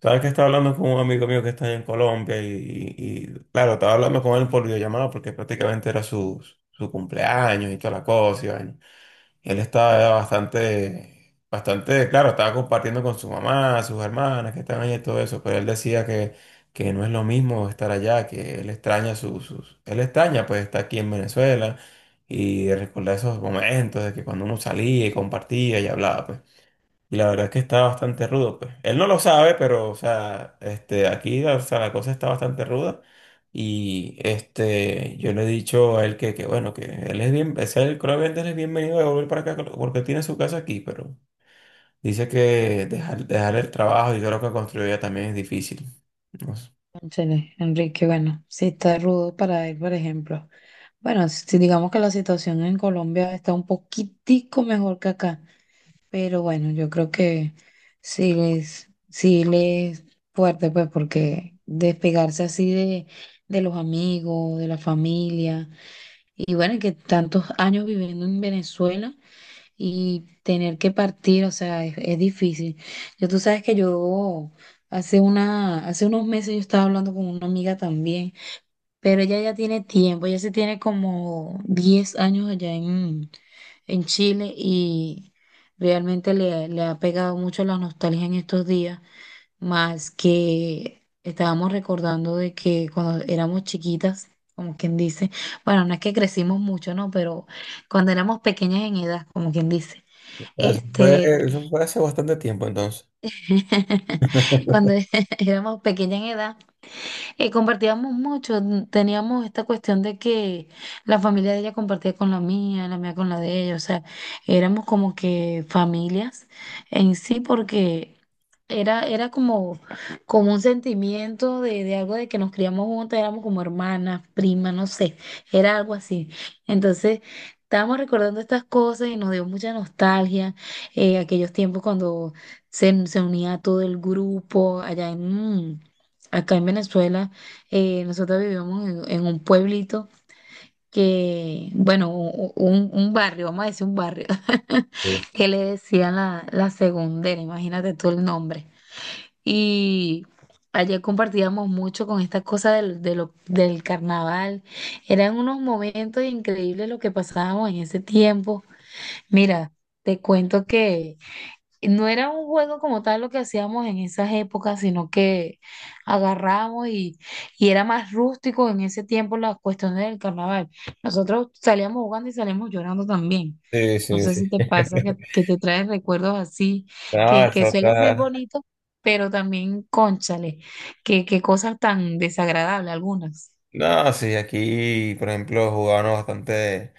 Sabes que estaba hablando con un amigo mío que está en Colombia y, claro, estaba hablando con él por videollamada porque prácticamente era su cumpleaños y toda la cosa. Y vaina. Y él estaba bastante, claro, estaba compartiendo con su mamá, sus hermanas que están allá y todo eso, pero él decía que no es lo mismo estar allá, que él extraña él extraña pues estar aquí en Venezuela y recordar esos momentos de que cuando uno salía y compartía y hablaba pues. Y la verdad es que está bastante rudo, pues. Él no lo sabe, pero, o sea, este, aquí, o sea, la cosa está bastante ruda. Y, este, yo le he dicho a él que bueno, que él es bien, ese él, creo que él es bienvenido a volver para acá porque él tiene su casa aquí, pero dice que dejar el trabajo y todo lo que construyó ya también es difícil. No sé. Cónchale, Enrique, bueno, sí está rudo para él, por ejemplo. Bueno, si digamos que la situación en Colombia está un poquitico mejor que acá, pero bueno, yo creo que sí les fuerte, pues, porque despegarse así de los amigos, de la familia, y bueno, y que tantos años viviendo en Venezuela y tener que partir, o sea, es difícil. Yo, tú sabes que yo hace unos meses yo estaba hablando con una amiga también, pero ella ya tiene tiempo, ella se tiene como 10 años allá en Chile y realmente le ha pegado mucho la nostalgia en estos días, más que estábamos recordando de que cuando éramos chiquitas, como quien dice, bueno, no es que crecimos mucho, ¿no? Pero cuando éramos pequeñas en edad, como quien dice. Eso fue, Este, eso fue hace bastante tiempo, entonces. cuando éramos pequeña en edad, compartíamos mucho, teníamos esta cuestión de que la familia de ella compartía con la mía con la de ella, o sea, éramos como que familias en sí porque era como, como un sentimiento de algo de que nos criamos juntas, éramos como hermanas, primas, no sé, era algo así. Entonces... Estábamos recordando estas cosas y nos dio mucha nostalgia, aquellos tiempos cuando se unía todo el grupo allá en, acá en Venezuela, nosotros vivimos en un pueblito que, bueno, un barrio, vamos a decir un barrio, que le decían la segundera, imagínate tú el nombre. Y ayer compartíamos mucho con esta cosa del carnaval. Eran unos momentos increíbles lo que pasábamos en ese tiempo. Mira, te cuento que no era un juego como tal lo que hacíamos en esas épocas, sino que agarramos y era más rústico en ese tiempo las cuestiones del carnaval. Nosotros salíamos jugando y salíamos llorando también. Sí, No sí, sé sí, sí. si te pasa que te traes recuerdos así, No, que eso suelen ser está. bonitos, pero también, cónchale, que cosas tan desagradables algunas. No, sí, aquí, por ejemplo, jugábamos bastante,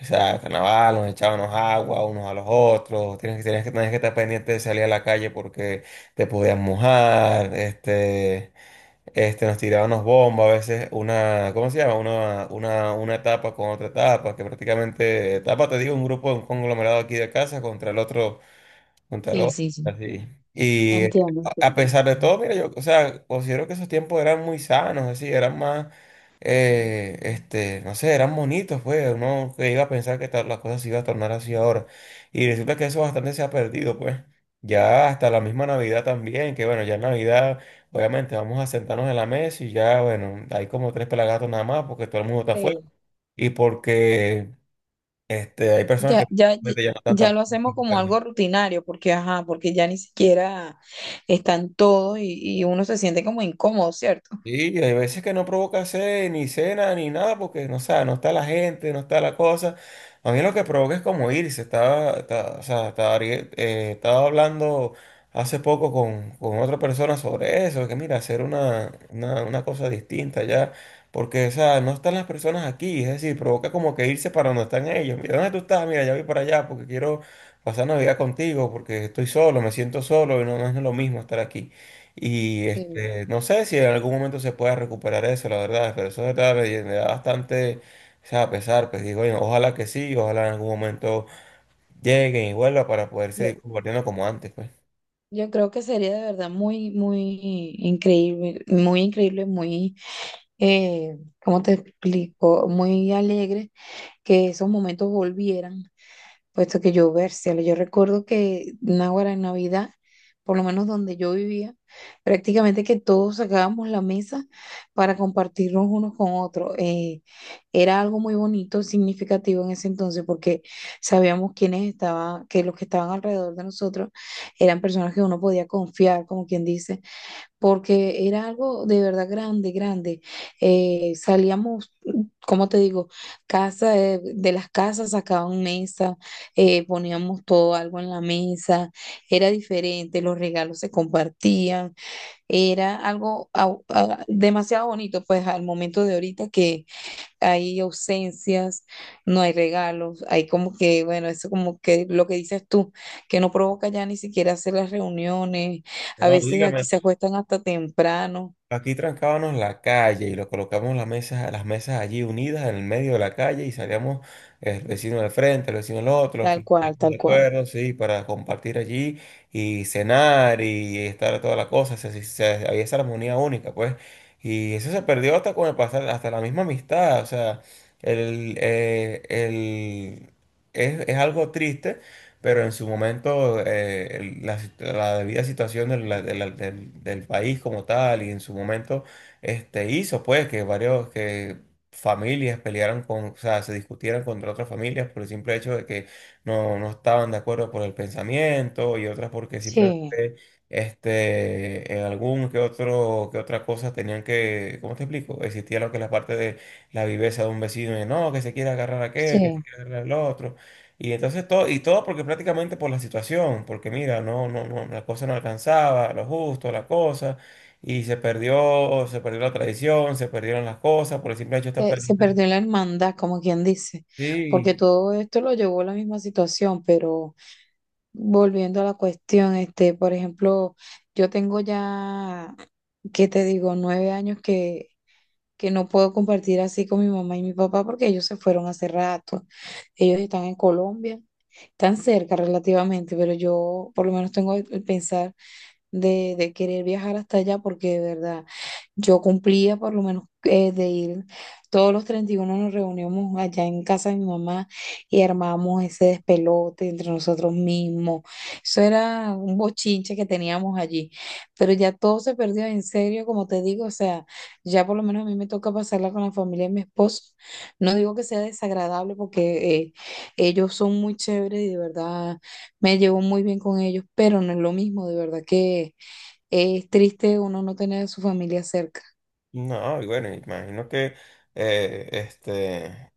o sea, carnaval, nos echábamos agua unos a los otros, tenías que estar pendiente de salir a la calle porque te podías mojar, nos tirábamos bombas, a veces una, ¿cómo se llama? Una etapa con otra etapa, que prácticamente, etapa, te digo, un grupo, un conglomerado aquí de casa contra el otro Sí, Montaló, sí, sí. así. Y a Entiendo, a entiendo. pesar de todo, mira, yo, o sea, considero que esos tiempos eran muy sanos, así, eran más, no sé, eran bonitos, pues, uno que iba a pensar que las cosas se iban a tornar así ahora. Y resulta que eso bastante se ha perdido, pues. Ya hasta la misma Navidad también, que bueno, ya en Navidad, obviamente, vamos a sentarnos en la mesa y ya, bueno, hay como tres pelagatos nada más porque todo el mundo está afuera y porque, este, hay personas que Ya, ya, realmente ya no están tan. ya lo hacemos como algo rutinario, porque ajá, porque ya ni siquiera están todos y uno se siente como incómodo, ¿cierto? Sí, y hay veces que no provoca sed, ni cena, ni nada, porque no, o sea, no está la gente, no está la cosa. A mí lo que provoca es como irse. O sea, estaba hablando hace poco con otra persona sobre eso, que mira, hacer una cosa distinta ya, porque, o sea, no están las personas aquí, es decir, provoca como que irse para donde están ellos. Mira, ¿dónde tú estás? Mira, ya voy para allá porque quiero pasar Navidad contigo, porque estoy solo, me siento solo y no, no es lo mismo estar aquí. Y Sí. este, no sé si en algún momento se pueda recuperar eso, la verdad, pero eso de verdad me da bastante, o sea, pesar, pues digo, "Oye, ojalá que sí, ojalá en algún momento lleguen y vuelva para poder Yo, seguir compartiendo como antes, pues. yo creo que sería de verdad muy, muy increíble, muy increíble, muy, eh, ¿cómo te explico? Muy alegre que esos momentos volvieran puesto que yo versela. Yo recuerdo que Náguara en Navidad, por lo menos donde yo vivía, prácticamente que todos sacábamos la mesa para compartirnos unos con otros. Era algo muy bonito, significativo en ese entonces, porque sabíamos quiénes estaban, que los que estaban alrededor de nosotros eran personas que uno podía confiar, como quien dice porque era algo de verdad grande, grande. Salíamos, ¿cómo te digo? Casa, de las casas sacaban mesa, poníamos todo algo en la mesa, era diferente, los regalos se compartían, era algo demasiado bonito, pues al momento de ahorita que hay ausencias, no hay regalos, hay como que, bueno, eso como que lo que dices tú, que no provoca ya ni siquiera hacer las reuniones, a No, veces aquí dígame. se acuestan hasta temprano, Aquí trancábamos la calle y lo colocamos las mesas allí unidas en el medio de la calle y salíamos el vecino del frente, el vecino del otro, los que tal cual, estuvimos de tal cual. acuerdo, sí, para compartir allí y cenar y estar toda la cosa. Había esa armonía única, pues. Y eso se perdió hasta con el pasar, hasta la misma amistad. O sea, el, eh, el, es algo triste pero en su momento la debida situación del, la- del- del- del país como tal y en su momento este, hizo pues que varios que familias pelearan con, o sea, se discutieran contra otras familias por el simple hecho de que no, no estaban de acuerdo por el pensamiento y otras porque Sí, simplemente este, en algún que otro, que otra cosa tenían que, ¿cómo te explico? Existía lo que es la parte de la viveza de un vecino de no, que se quiere agarrar a aquel, que se sí. quiere agarrar al otro. Y entonces todo, y todo porque prácticamente por la situación, porque mira, no, no, no, la cosa no alcanzaba, lo justo, la cosa, y se perdió la tradición, se perdieron las cosas, por el simple hecho de estar Se perdiendo. perdió la hermandad, como quien dice, porque Sí, todo esto lo llevó a la misma situación, pero volviendo a la cuestión, este, por ejemplo, yo tengo ya, ¿qué te digo? 9 años que no puedo compartir así con mi mamá y mi papá porque ellos se fueron hace rato. Ellos están en Colombia, están cerca relativamente, pero yo por lo menos tengo el pensar de querer viajar hasta allá porque de verdad yo cumplía por lo menos de ir. Todos los 31 nos reuníamos allá en casa de mi mamá y armábamos ese despelote entre nosotros mismos. Eso era un bochinche que teníamos allí, pero ya todo se perdió en serio, como te digo, o sea, ya por lo menos a mí me toca pasarla con la familia de mi esposo. No digo que sea desagradable porque ellos son muy chéveres y de verdad me llevo muy bien con ellos, pero no es lo mismo, de verdad que es triste uno no tener a su familia cerca. no, y bueno, imagino que este.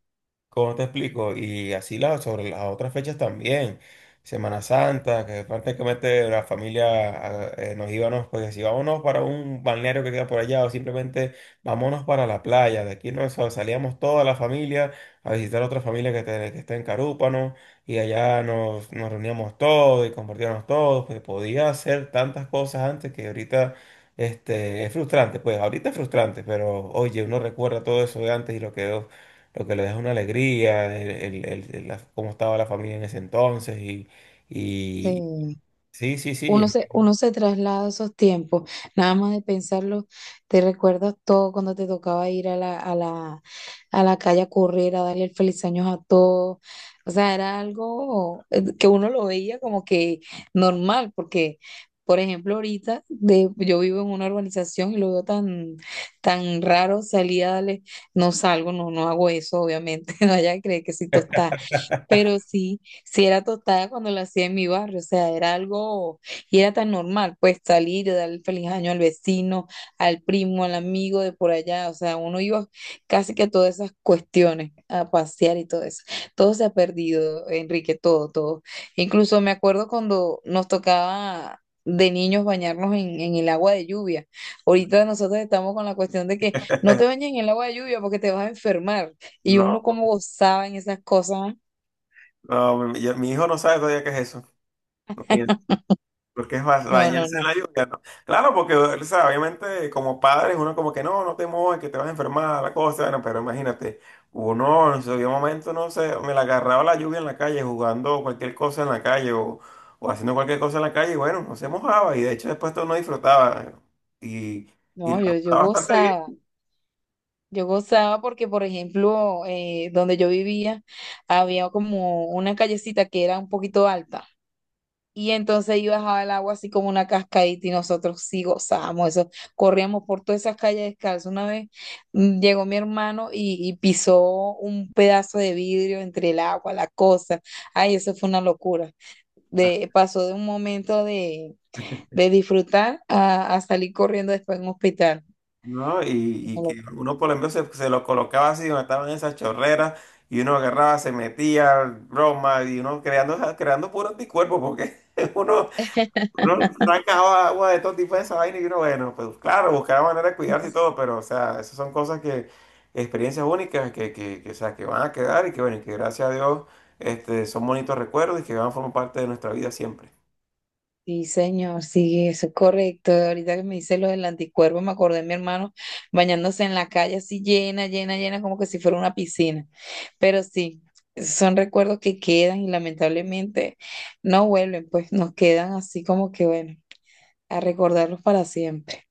¿Cómo te explico? Y así la, sobre las otras fechas también. Semana Santa, que prácticamente la familia ah, nos íbamos, pues si vámonos para un balneario que queda por allá o simplemente vámonos para la playa. De aquí nos salíamos toda la familia a visitar otra familia que está en Carúpano y allá nos reuníamos todos y compartíamos todos. Pues podía hacer tantas cosas antes que ahorita este, es frustrante. Pues ahorita es frustrante, pero oye, uno recuerda todo eso de antes y lo quedó lo que le deja una alegría, cómo estaba la familia en ese entonces y Sí. sí, sí, sí. Uno se traslada a esos tiempos, nada más de pensarlo, te recuerdas todo cuando te tocaba ir a a la calle a correr, a darle el feliz año a todos. O sea, era algo que uno lo veía como que normal, porque, por ejemplo, yo vivo en una urbanización y lo veo tan, tan raro salir a darle, no salgo, no, no hago eso, obviamente, no vaya a creer que soy tostada. Pero sí, sí era tostada cuando lo hacía en mi barrio, o sea, era algo, y era tan normal, pues salir y darle el feliz año al vecino, al primo, al amigo de por allá, o sea, uno iba casi que a todas esas cuestiones, a pasear y todo eso. Todo se ha perdido, Enrique, todo, todo. Incluso me acuerdo cuando nos tocaba de niños bañarnos en el agua de lluvia. Ahorita nosotros estamos con la cuestión de que no te bañes en el agua de lluvia porque te vas a enfermar. Y No, uno como gozaba en esas cosas. no, mi hijo no sabe todavía qué es eso. Porque es No, no, bañarse en no, la lluvia, ¿no? Claro, porque, o sea, obviamente como padres uno como que no, no te mojes, que te vas a enfermar, la cosa, bueno, pero imagínate, uno en su debido momento, no sé, me la agarraba la lluvia en la calle jugando cualquier cosa en la calle o haciendo cualquier cosa en la calle y bueno, no se mojaba y de hecho después todo uno disfrutaba y, y no, la yo, pasaba bastante bien. yo gozaba porque, por ejemplo, donde yo vivía había como una callecita que era un poquito alta y entonces ahí bajaba el agua así como una cascadita y nosotros sí gozábamos eso, corríamos por todas esas calles descalzos. Una vez llegó mi hermano y pisó un pedazo de vidrio entre el agua, la cosa, ay, eso fue una locura. Pasó de un momento de disfrutar a salir corriendo después en un hospital. ¿No? Y que uno por ejemplo se lo colocaba así donde estaban esas chorreras y uno agarraba, se metía, broma, y uno creando, ja, creando puro anticuerpo porque uno, uno arrancaba agua de todo tipo de esa vaina y uno, bueno, pues claro, buscaba manera de cuidarse y todo, pero o sea, esas son cosas que, experiencias únicas o sea, que van a quedar y que bueno, y que gracias a Dios este, son bonitos recuerdos y que van a formar parte de nuestra vida siempre. Sí, señor, sí, eso es correcto. Ahorita que me dice lo del anticuerpo, me acordé de mi hermano bañándose en la calle así llena, llena, llena, como que si fuera una piscina. Pero sí, son recuerdos que quedan y lamentablemente no vuelven, pues nos quedan así como que, bueno, a recordarlos para siempre.